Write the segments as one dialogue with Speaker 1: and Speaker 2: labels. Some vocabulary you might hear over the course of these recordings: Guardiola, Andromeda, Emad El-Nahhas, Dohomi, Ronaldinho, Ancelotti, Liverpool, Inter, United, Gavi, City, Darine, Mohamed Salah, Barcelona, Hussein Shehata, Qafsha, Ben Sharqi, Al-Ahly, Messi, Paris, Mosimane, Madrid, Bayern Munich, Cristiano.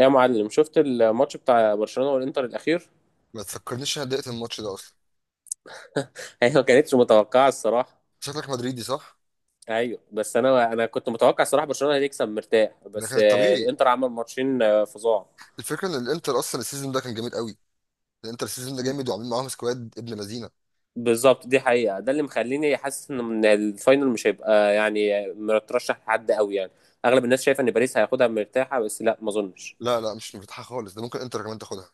Speaker 1: إيه يا معلم، شفت الماتش بتاع برشلونة والانتر الاخير؟
Speaker 2: ما تفكرنيش إن انا ضايقت الماتش ده اصلا.
Speaker 1: هي ما كانتش متوقعة الصراحة.
Speaker 2: شكلك مدريدي، صح؟
Speaker 1: ايوه، بس انا كنت متوقع الصراحة برشلونة هتكسب مرتاح،
Speaker 2: ده كان
Speaker 1: بس
Speaker 2: الطبيعي.
Speaker 1: الانتر عمل ماتشين فظاع.
Speaker 2: الفكره ان الانتر اصلا السيزون ده كان جامد قوي. الانتر السيزون ده جامد وعاملين معاهم سكواد ابن لذينه.
Speaker 1: بالظبط، دي حقيقة، ده اللي مخليني حاسس ان من الفاينل مش هيبقى يعني مترشح لحد قوي يعني. اغلب الناس شايفة ان باريس هياخدها مرتاحة، بس لا، ما اظنش.
Speaker 2: لا لا، مش مرتاحه خالص، ده ممكن انتر كمان تاخدها.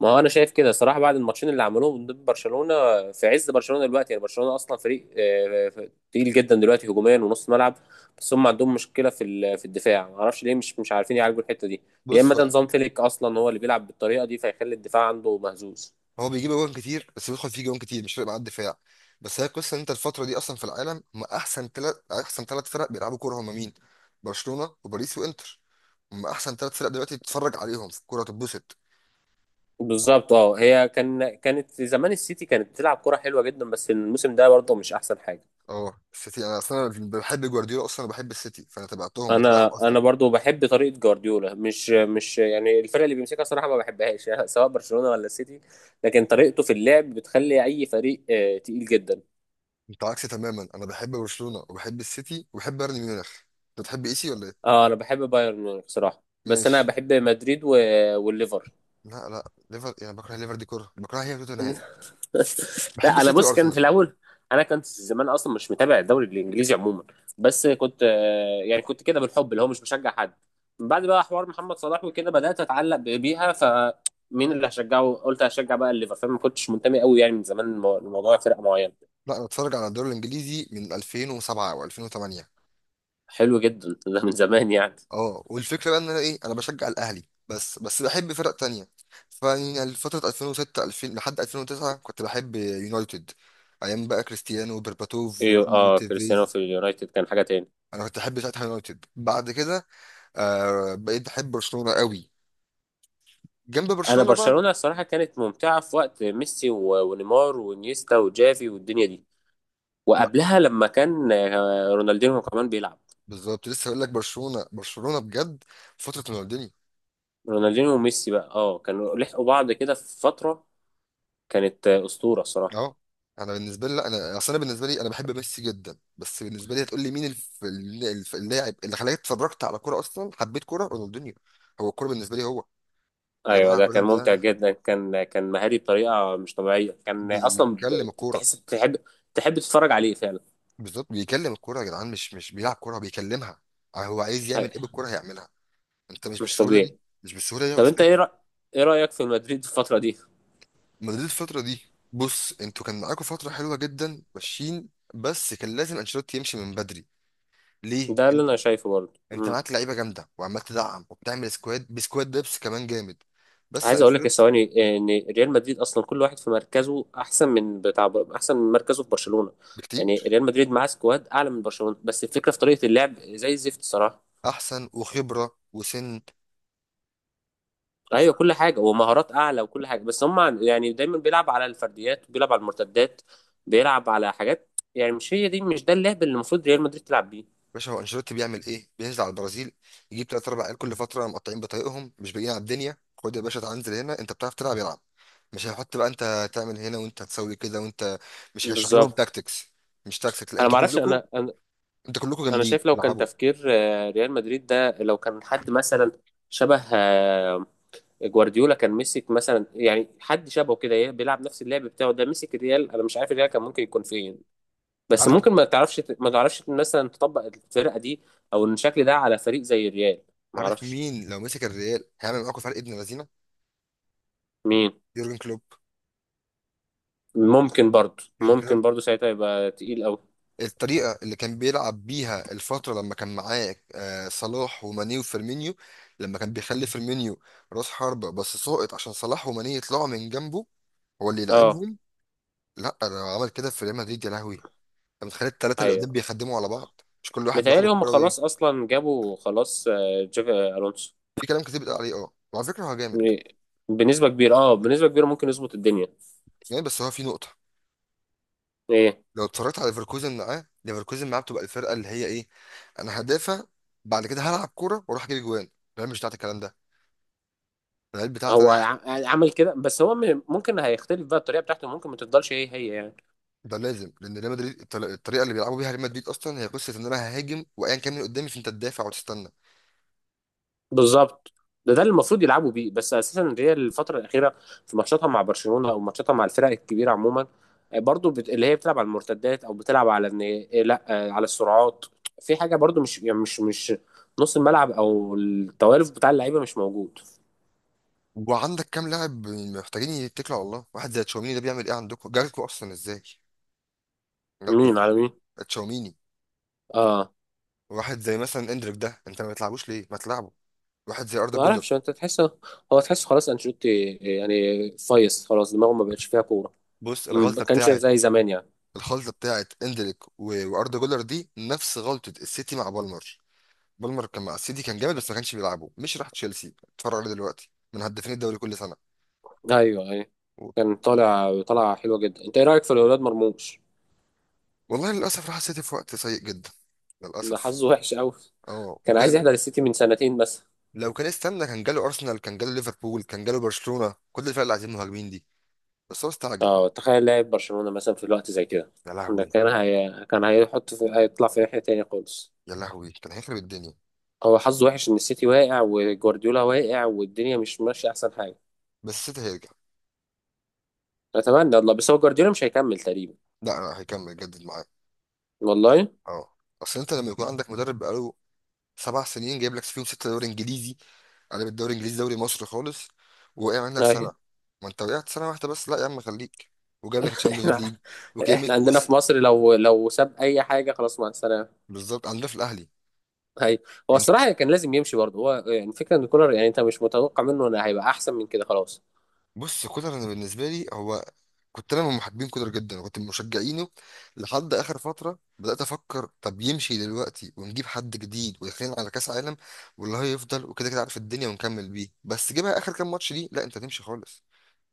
Speaker 1: ما هو انا شايف كده صراحه بعد الماتشين اللي عملوهم ضد برشلونه في عز برشلونه دلوقتي. يعني برشلونه اصلا فريق تقيل جدا دلوقتي هجوميا ونص ملعب، بس هم عندهم مشكله في في الدفاع. ما اعرفش ليه مش عارفين يعالجوا الحته دي. يا
Speaker 2: بص.
Speaker 1: اما
Speaker 2: هو
Speaker 1: ده نظام فليك اصلا هو اللي بيلعب بالطريقه دي، فيخلي الدفاع عنده مهزوز.
Speaker 2: هو بيجيب جوان كتير بس بيدخل فيه جوان كتير، مش فارق معاه الدفاع. بس هي القصه ان انت الفتره دي اصلا في العالم هم احسن ثلاث فرق بيلعبوا كوره، هم مين؟ برشلونه وباريس وانتر. هم احسن ثلاث فرق دلوقتي تتفرج عليهم في الكوره تتبسط.
Speaker 1: بالظبط. اه، هي كان كانت زمان السيتي كانت بتلعب كره حلوه جدا، بس الموسم ده برضه مش احسن حاجه.
Speaker 2: اه، السيتي انا اصلا بحب جوارديولا، اصلا بحب السيتي فانا تبعتهم متابعهم
Speaker 1: انا
Speaker 2: اصلا.
Speaker 1: انا برضو بحب طريقه جوارديولا، مش يعني الفرق اللي بيمسكها صراحه ما بحبهاش، يعني سواء برشلونه ولا السيتي، لكن طريقته في اللعب بتخلي اي فريق تقيل جدا.
Speaker 2: انت عكسي تماما، انا بحب برشلونه وبحب السيتي وبحب بايرن ميونخ. انت بتحب ايسي ولا ايه؟
Speaker 1: اه، انا بحب بايرن ميونخ صراحه، بس انا
Speaker 2: ماشي.
Speaker 1: بحب مدريد والليفر.
Speaker 2: لا لا، ليفر يعني بكره ليفر دي كره، بكره هي توتنهام. بحب
Speaker 1: لا، انا
Speaker 2: السيتي
Speaker 1: بص، كان
Speaker 2: وارسنال.
Speaker 1: في الاول انا كنت زمان اصلا مش متابع الدوري الانجليزي عموما، بس كنت يعني كنت كده بالحب اللي هو مش بشجع حد. من بعد بقى حوار محمد صلاح وكده بدات اتعلق بيها، فمين اللي هشجعه؟ قلت هشجع بقى الليفر، فما كنتش منتمي قوي يعني من زمان، الموضوع فرقه معينه.
Speaker 2: لا انا بتفرج على الدوري الانجليزي من 2007 او 2008.
Speaker 1: حلو جدا، ده من زمان يعني.
Speaker 2: اه، والفكره بقى ان انا ايه، انا بشجع الاهلي. بس بحب فرق تانية. فيعني فتره 2006، 2000 لحد 2009 كنت بحب يونايتد، ايام بقى كريستيانو وبرباتوف
Speaker 1: ايوه،
Speaker 2: وروني
Speaker 1: اه، كريستيانو
Speaker 2: وتيفيز.
Speaker 1: في اليونايتد كان حاجه تاني.
Speaker 2: انا كنت بحب ساعتها يونايتد، بعد كده بقيت بحب برشلونه قوي، جنب
Speaker 1: انا
Speaker 2: برشلونة بقى.
Speaker 1: برشلونه الصراحه كانت ممتعه في وقت ميسي ونيمار وانيستا وجافي والدنيا دي،
Speaker 2: لا،
Speaker 1: وقبلها لما كان رونالدينو كمان بيلعب.
Speaker 2: بالظبط لسه هقول لك. برشلونة برشلونة بجد، فترة رونالديني.
Speaker 1: رونالدينيو وميسي بقى، اه، كانوا لحقوا بعض كده في فترة. كانت أسطورة الصراحة.
Speaker 2: اه، انا بالنسبة لي، لا انا اصل انا بالنسبة لي انا بحب ميسي جدا، بس بالنسبة لي هتقول لي مين اللاعب اللي خلاني اتفرجت على كورة اصلا؟ حبيت كورة رونالدينيو. هو الكورة بالنسبة لي هو. يا
Speaker 1: ايوه،
Speaker 2: جماعة
Speaker 1: ده كان
Speaker 2: الراجل
Speaker 1: ممتع
Speaker 2: ده
Speaker 1: جدا، كان مهاري بطريقة مش طبيعية، كان اصلا
Speaker 2: بيكلم الكورة.
Speaker 1: تحس تحب تحب تتفرج عليه فعلا.
Speaker 2: بالظبط، بيكلم الكورة يا جدعان، مش بيلعب كورة، بيكلمها. هو عايز يعمل
Speaker 1: أي-
Speaker 2: ايه بالكورة هيعملها. انت مش
Speaker 1: مش
Speaker 2: بالسهولة دي،
Speaker 1: طبيعي.
Speaker 2: مش بالسهولة دي يا
Speaker 1: طب انت
Speaker 2: استاذ.
Speaker 1: ايه ايه رأيك في مدريد الفترة دي؟
Speaker 2: مدريد الفترة دي، بص انتوا كان معاكوا فترة حلوة جدا ماشيين، بس كان لازم انشيلوتي يمشي من بدري. ليه؟
Speaker 1: ده اللي
Speaker 2: انت،
Speaker 1: انا شايفه برضه.
Speaker 2: انت
Speaker 1: مم.
Speaker 2: معاك لعيبة جامدة وعمال تدعم وبتعمل سكواد بسكواد دبس كمان جامد، بس
Speaker 1: عايز اقول لك يا
Speaker 2: انشيلوتي
Speaker 1: ثواني ان ريال مدريد اصلا كل واحد في مركزه احسن من بتاع، احسن من مركزه في برشلونة. يعني
Speaker 2: بكتير
Speaker 1: ريال مدريد معاه سكواد اعلى من برشلونة، بس الفكرة في طريقة اللعب زي الزفت صراحة.
Speaker 2: احسن، وخبرة، وسن. ف-
Speaker 1: ايوه، كل حاجه ومهارات اعلى وكل حاجه، بس هم يعني دايما بيلعب على الفرديات، بيلعب على المرتدات، بيلعب على حاجات. يعني مش هي دي، مش ده اللعب اللي المفروض ريال مدريد تلعب بيه.
Speaker 2: باشا، هو انشيلوتي بيعمل ايه؟ بينزل على البرازيل، يجيب تلات اربع عيال كل فترة مقطعين بطايقهم مش باقيين على الدنيا، خد يا باشا تعال انزل هنا، انت بتعرف تلعب، يلعب. مش هيحط بقى انت تعمل هنا وانت هتسوي كده وانت، مش هيشرح لهم
Speaker 1: بالظبط.
Speaker 2: تاكتكس. مش تاكتكس، لا
Speaker 1: انا ما
Speaker 2: انتوا
Speaker 1: اعرفش،
Speaker 2: كلكم،
Speaker 1: انا
Speaker 2: انتوا كلكم
Speaker 1: أنا
Speaker 2: جامدين
Speaker 1: شايف لو كان
Speaker 2: العبوا.
Speaker 1: تفكير ريال مدريد ده، لو كان حد مثلا شبه جوارديولا كان مسك، مثلا يعني حد شبهه كده بيلعب نفس اللعب بتاعه ده مسك الريال، انا مش عارف الريال كان ممكن يكون فين. بس
Speaker 2: عارف،
Speaker 1: ممكن ما تعرفش مثلا تطبق الفرقه دي او الشكل ده على فريق زي الريال، ما
Speaker 2: عارف
Speaker 1: اعرفش.
Speaker 2: مين لو مسك الريال هيعمل معاكم فرق ابن لذينه؟
Speaker 1: مين؟
Speaker 2: يورجن كلوب.
Speaker 1: ممكن برضو،
Speaker 2: يورجن كلوب،
Speaker 1: ممكن برضو ساعتها يبقى تقيل قوي.
Speaker 2: الطريقه اللي كان بيلعب بيها الفتره لما كان معاه صلاح وماني وفيرمينيو، لما كان بيخلي فيرمينيو راس حربه بس ساقط عشان صلاح وماني يطلعوا من جنبه، هو اللي
Speaker 1: اه،
Speaker 2: يلعبهم. لا، لو عمل كده في ريال مدريد يا لهوي انت. متخيل الثلاثه اللي قدام
Speaker 1: ايوه
Speaker 2: بيخدموا على بعض مش كل واحد بياخد
Speaker 1: متهيألي هم
Speaker 2: الكوره ويجي.
Speaker 1: خلاص اصلا جابوا، خلاص جافي الونسو.
Speaker 2: في كلام كتير بيتقال عليه، اه وعلى فكره هو جامد،
Speaker 1: بنسبه كبيره، اه بنسبه كبيره ممكن يظبط الدنيا.
Speaker 2: جامد، بس هو في نقطه.
Speaker 1: ايه؟
Speaker 2: لو اتفرجت على ليفركوزن معاه، ليفركوزن معاه بتبقى الفرقه اللي هي ايه، انا هدافع بعد كده هلعب كوره واروح اجيب جوان. الريال مش بتاعت الكلام ده، الريال بتاعت
Speaker 1: هو
Speaker 2: انا.
Speaker 1: عمل كده، بس هو ممكن هيختلف بقى الطريقه بتاعته، ممكن ما تفضلش هي يعني.
Speaker 2: ده لازم، لان ريال مدريد الطريقه اللي بيلعبوا بيها ريال مدريد اصلا هي قصه ان انا ههاجم وايا كان اللي قدامي فانت تدافع وتستنى.
Speaker 1: بالظبط، ده اللي المفروض يلعبوا بيه، بس اساسا الريال الفتره الاخيره في ماتشاتها مع برشلونه او ماتشاتها مع الفرق الكبيره عموما آه، برضو بت... اللي هي بتلعب على المرتدات، او بتلعب على ان إيه، لا آه، على السرعات. في حاجه برضو، مش يعني مش نص الملعب او التوالف بتاع اللعيبه مش موجود.
Speaker 2: وعندك كام لاعب محتاجين يتكلوا على الله، واحد زي تشاوميني ده بيعمل ايه عندكم، جالكوا اصلا ازاي؟ جالكوا
Speaker 1: مين
Speaker 2: ازاي؟
Speaker 1: على مين؟
Speaker 2: تشاوميني.
Speaker 1: اه،
Speaker 2: واحد زي مثلا اندريك ده انت ما بتلعبوش ليه، ما تلعبه. واحد زي اردا
Speaker 1: ما
Speaker 2: جولر.
Speaker 1: اعرفش، انت تحس، تحس خلاص انشيلوتي يعني فايص خلاص، دماغه ما بقتش فيها كوره،
Speaker 2: بص
Speaker 1: ما
Speaker 2: الغلطه
Speaker 1: كانش
Speaker 2: بتاعه،
Speaker 1: زي زمان يعني.
Speaker 2: الخلطه بتاعت اندريك واردا جولر دي نفس غلطه السيتي مع بالمر. بالمر كان مع السيتي كان جامد بس ما كانش بيلعبه، مش راح تشيلسي اتفرج عليه دلوقتي من هدافين الدوري كل سنه.
Speaker 1: ايوه، ايوه.
Speaker 2: و-
Speaker 1: كان طالع حلوه جدا. انت ايه رايك في الولاد مرموش؟
Speaker 2: والله للاسف راح السيتي في وقت سيء جدا،
Speaker 1: ده
Speaker 2: للاسف.
Speaker 1: حظه وحش قوي،
Speaker 2: اه،
Speaker 1: كان عايز
Speaker 2: وكان،
Speaker 1: يحضر السيتي من سنتين مثلا.
Speaker 2: لو كان استنى كان جاله ارسنال، كان جاله ليفربول، كان جاله برشلونه، كل الفرق اللي عايزين مهاجمين دي، بس هو استعجل.
Speaker 1: اه، تخيل لاعب برشلونة مثلا في الوقت زي كده،
Speaker 2: يا
Speaker 1: ده
Speaker 2: لهوي.
Speaker 1: كان كان هيطلع في ناحية تانية خالص.
Speaker 2: يا لهوي كان هيخرب الدنيا.
Speaker 1: هو حظه وحش ان السيتي واقع وجوارديولا واقع والدنيا مش ماشية احسن حاجة.
Speaker 2: بس السيتي هيرجع.
Speaker 1: اتمنى والله، بس هو جوارديولا مش هيكمل تقريبا.
Speaker 2: لا لا، هيكمل يجدد معاه.
Speaker 1: والله أيوة.
Speaker 2: اه. اصل انت لما يكون عندك مدرب بقاله 7 سنين جايب لك فيهم ستة دوري انجليزي، قلب الدوري الانجليزي دوري مصر خالص، وقع منك سنة. ما انت وقعت سنة واحدة بس، لا يا عم خليك، وجاب لك الشامبيونز
Speaker 1: احنا
Speaker 2: ليج وكأمية
Speaker 1: احنا عندنا
Speaker 2: كوس.
Speaker 1: في مصر لو، ساب اي حاجة خلاص، مع السلامة.
Speaker 2: بالظبط، عندنا في الاهلي.
Speaker 1: هي، هو
Speaker 2: انت،
Speaker 1: الصراحة كان لازم يمشي برضه هو، يعني الفكرة ان كولر، يعني انت مش متوقع منه انه هيبقى احسن من كده، خلاص.
Speaker 2: بص كولر، انا بالنسبة لي هو، كنت انا من محبين كولر جدا وكنت من مشجعينه. لحد اخر فترة بدأت افكر طب يمشي دلوقتي ونجيب حد جديد ويخلينا على كاس عالم، والله هيفضل وكده كده عارف الدنيا ونكمل بيه. بس جيبها اخر كام ماتش دي لا انت تمشي خالص.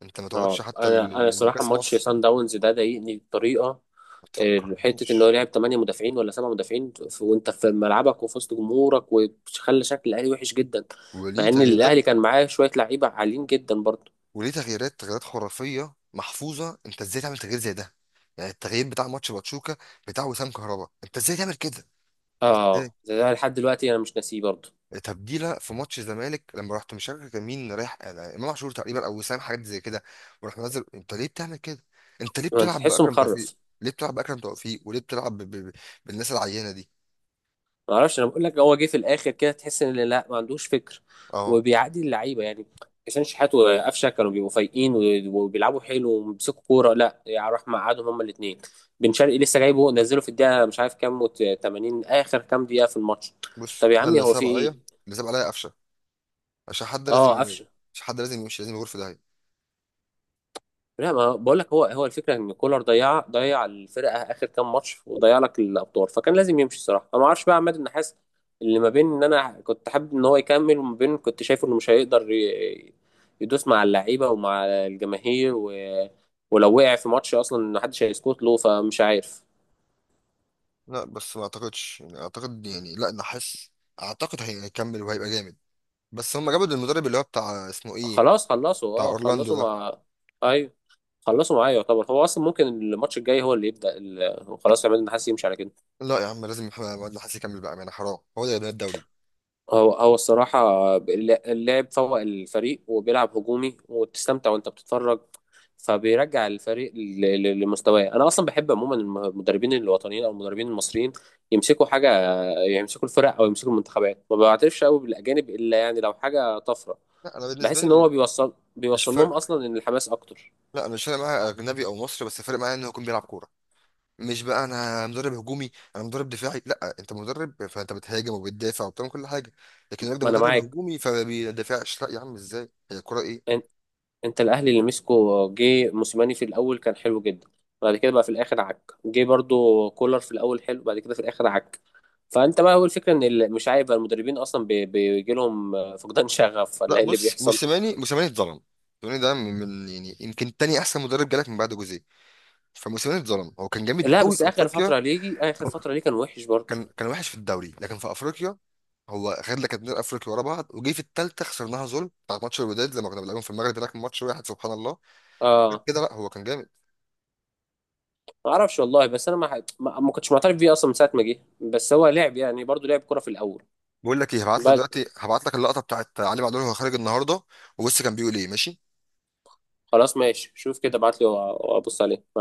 Speaker 2: انت ما تقعدش
Speaker 1: اه،
Speaker 2: حتى
Speaker 1: انا صراحه
Speaker 2: لكاس
Speaker 1: ماتش
Speaker 2: مصر.
Speaker 1: سان داونز ده ضايقني بطريقه
Speaker 2: ما
Speaker 1: حته ان هو
Speaker 2: تفكرنيش.
Speaker 1: لعب 8 مدافعين ولا 7 مدافعين، وانت في ملعبك وفي وسط جمهورك وخلى شكل الاهلي وحش جدا.
Speaker 2: وليه
Speaker 1: مع ان
Speaker 2: تغييرات
Speaker 1: الاهلي كان معاه شويه لعيبه عاليين جدا برضه.
Speaker 2: وليه تغييرات، تغييرات خرافيه محفوظه، انت ازاي تعمل تغيير زي ده؟ يعني التغيير بتاع ماتش باتشوكا، بتاع وسام كهربا، انت ازاي تعمل كده؟ ازاي.
Speaker 1: اه، ده لحد دلوقتي انا مش ناسيه برضه
Speaker 2: تبديله في ماتش الزمالك لما رحت مش فاكر كان مين رايح، يعني امام عاشور تقريبا او وسام، حاجات زي كده. وراح منزل، انت ليه بتعمل كده؟ انت ليه
Speaker 1: انت
Speaker 2: بتلعب
Speaker 1: تحسه
Speaker 2: باكرم توفيق؟
Speaker 1: مخرف.
Speaker 2: ليه بتلعب باكرم توفيق وليه بتلعب بالناس العينه دي؟
Speaker 1: ما اعرفش، انا بقول لك، هو جه في الاخر كده تحس ان لا، ما عندوش فكر،
Speaker 2: اه،
Speaker 1: وبيعادي اللعيبه يعني. حسين شحات وقفشه كانوا بيبقوا فايقين وبيلعبوا حلو وبيمسكوا كوره، لا يعني راح مقعدهم هما الاثنين. بن شرقي لسه جايبه نزله في الدقيقه مش عارف كام، 80، اخر كام دقيقه في الماتش.
Speaker 2: بص
Speaker 1: طب يا
Speaker 2: انا
Speaker 1: عمي،
Speaker 2: اللي
Speaker 1: هو في
Speaker 2: صعب
Speaker 1: ايه؟
Speaker 2: عليا، اللي صعب عليا قفشه، عشان حد لازم،
Speaker 1: اه، قفشه.
Speaker 2: عشان حد لازم يمشي، لازم يغور في ده.
Speaker 1: لا، ما بقول لك، هو الفكره ان كولر ضيع الفرقه اخر كام ماتش وضيع لك الابطال، فكان لازم يمشي الصراحه. انا ما اعرفش بقى عماد النحاس، اللي ما بين ان انا كنت حابب ان هو يكمل، وما بين كنت شايفه انه مش هيقدر يدوس مع اللعيبه ومع الجماهير، و... ولو وقع في ماتش اصلا ما حدش هيسكت له، فمش عارف.
Speaker 2: لا بس ما اعتقدش، يعني اعتقد يعني لا نحس، اعتقد هيكمل وهيبقى جامد. بس هم جابوا المدرب اللي هو بتاع اسمه ايه،
Speaker 1: خلاص خلصوا.
Speaker 2: بتاع
Speaker 1: اه،
Speaker 2: اورلاندو
Speaker 1: خلصوا
Speaker 2: ده.
Speaker 1: مع ايوه خلصوا معايا، يعتبر هو اصلا ممكن الماتش الجاي هو اللي يبدا خلاص عماد النحاس يمشي على كده.
Speaker 2: لا يا عم لازم محمد نحاس يكمل بقى يعني حرام، هو ده اللي بنى الدوري.
Speaker 1: هو الصراحة اللاعب فوق الفريق وبيلعب هجومي وتستمتع وانت بتتفرج، فبيرجع الفريق لمستواه. انا اصلا بحب عموما المدربين الوطنيين او المدربين المصريين يمسكوا حاجة، يمسكوا الفرق او يمسكوا المنتخبات. ما بعترفش قوي بالاجانب الا يعني لو حاجة طفرة.
Speaker 2: لا انا بالنسبه
Speaker 1: بحس ان هو
Speaker 2: لي
Speaker 1: بيوصل
Speaker 2: مش
Speaker 1: بيوصل لهم
Speaker 2: فارق،
Speaker 1: اصلا ان الحماس اكتر.
Speaker 2: لا انا مش فارق معايا اجنبي او مصري، بس فارق معايا انه يكون بيلعب كوره. مش بقى انا مدرب هجومي انا مدرب دفاعي، لا انت مدرب فانت بتهاجم وبتدافع وبتعمل كل حاجه. لكن الراجل ده
Speaker 1: ما انا
Speaker 2: مدرب
Speaker 1: معاك.
Speaker 2: هجومي فما بيدافعش، لا يا عم ازاي هي الكوره ايه؟
Speaker 1: ان- انت الاهلي اللي مسكه جه موسيماني في الاول كان حلو جدا، بعد كده بقى في الاخر عك. جه برضو كولر في الاول حلو، بعد كده في الاخر عك. فانت بقى، هو الفكره ان مش عارف بقى المدربين اصلا بيجي لهم فقدان شغف ولا
Speaker 2: لا
Speaker 1: ايه اللي
Speaker 2: بص
Speaker 1: بيحصل.
Speaker 2: موسيماني اتظلم. موسيماني ده يعني يمكن تاني احسن مدرب جالك من بعد جوزيه. فموسيماني اتظلم، هو كان جامد
Speaker 1: لا،
Speaker 2: قوي
Speaker 1: بس
Speaker 2: في
Speaker 1: اخر
Speaker 2: افريقيا.
Speaker 1: فتره ليجي، اخر فتره ليه كان وحش برضه.
Speaker 2: كان وحش في الدوري لكن في افريقيا، هو خد لك اتنين افريقيا ورا بعض وجه في التالتة خسرناها ظلم بتاعت ماتش الوداد لما كنا بنلعبهم في المغرب هناك، ماتش واحد سبحان الله. غير
Speaker 1: اه،
Speaker 2: كده لا هو كان جامد.
Speaker 1: ما اعرفش والله، بس انا ما ح- ما ما كنتش معترف بيه اصلا من ساعه ما جه، بس هو لعب يعني برضه لعب كوره في الاول.
Speaker 2: بقول لك ايه، هبعت لك
Speaker 1: بعد
Speaker 2: دلوقتي، هبعت لك اللقطة بتاعت علي معلول وهو خارج النهارده. وبص كان بيقول ايه، ماشي.
Speaker 1: خلاص، ماشي، شوف كده، ابعت لي وابص عليه.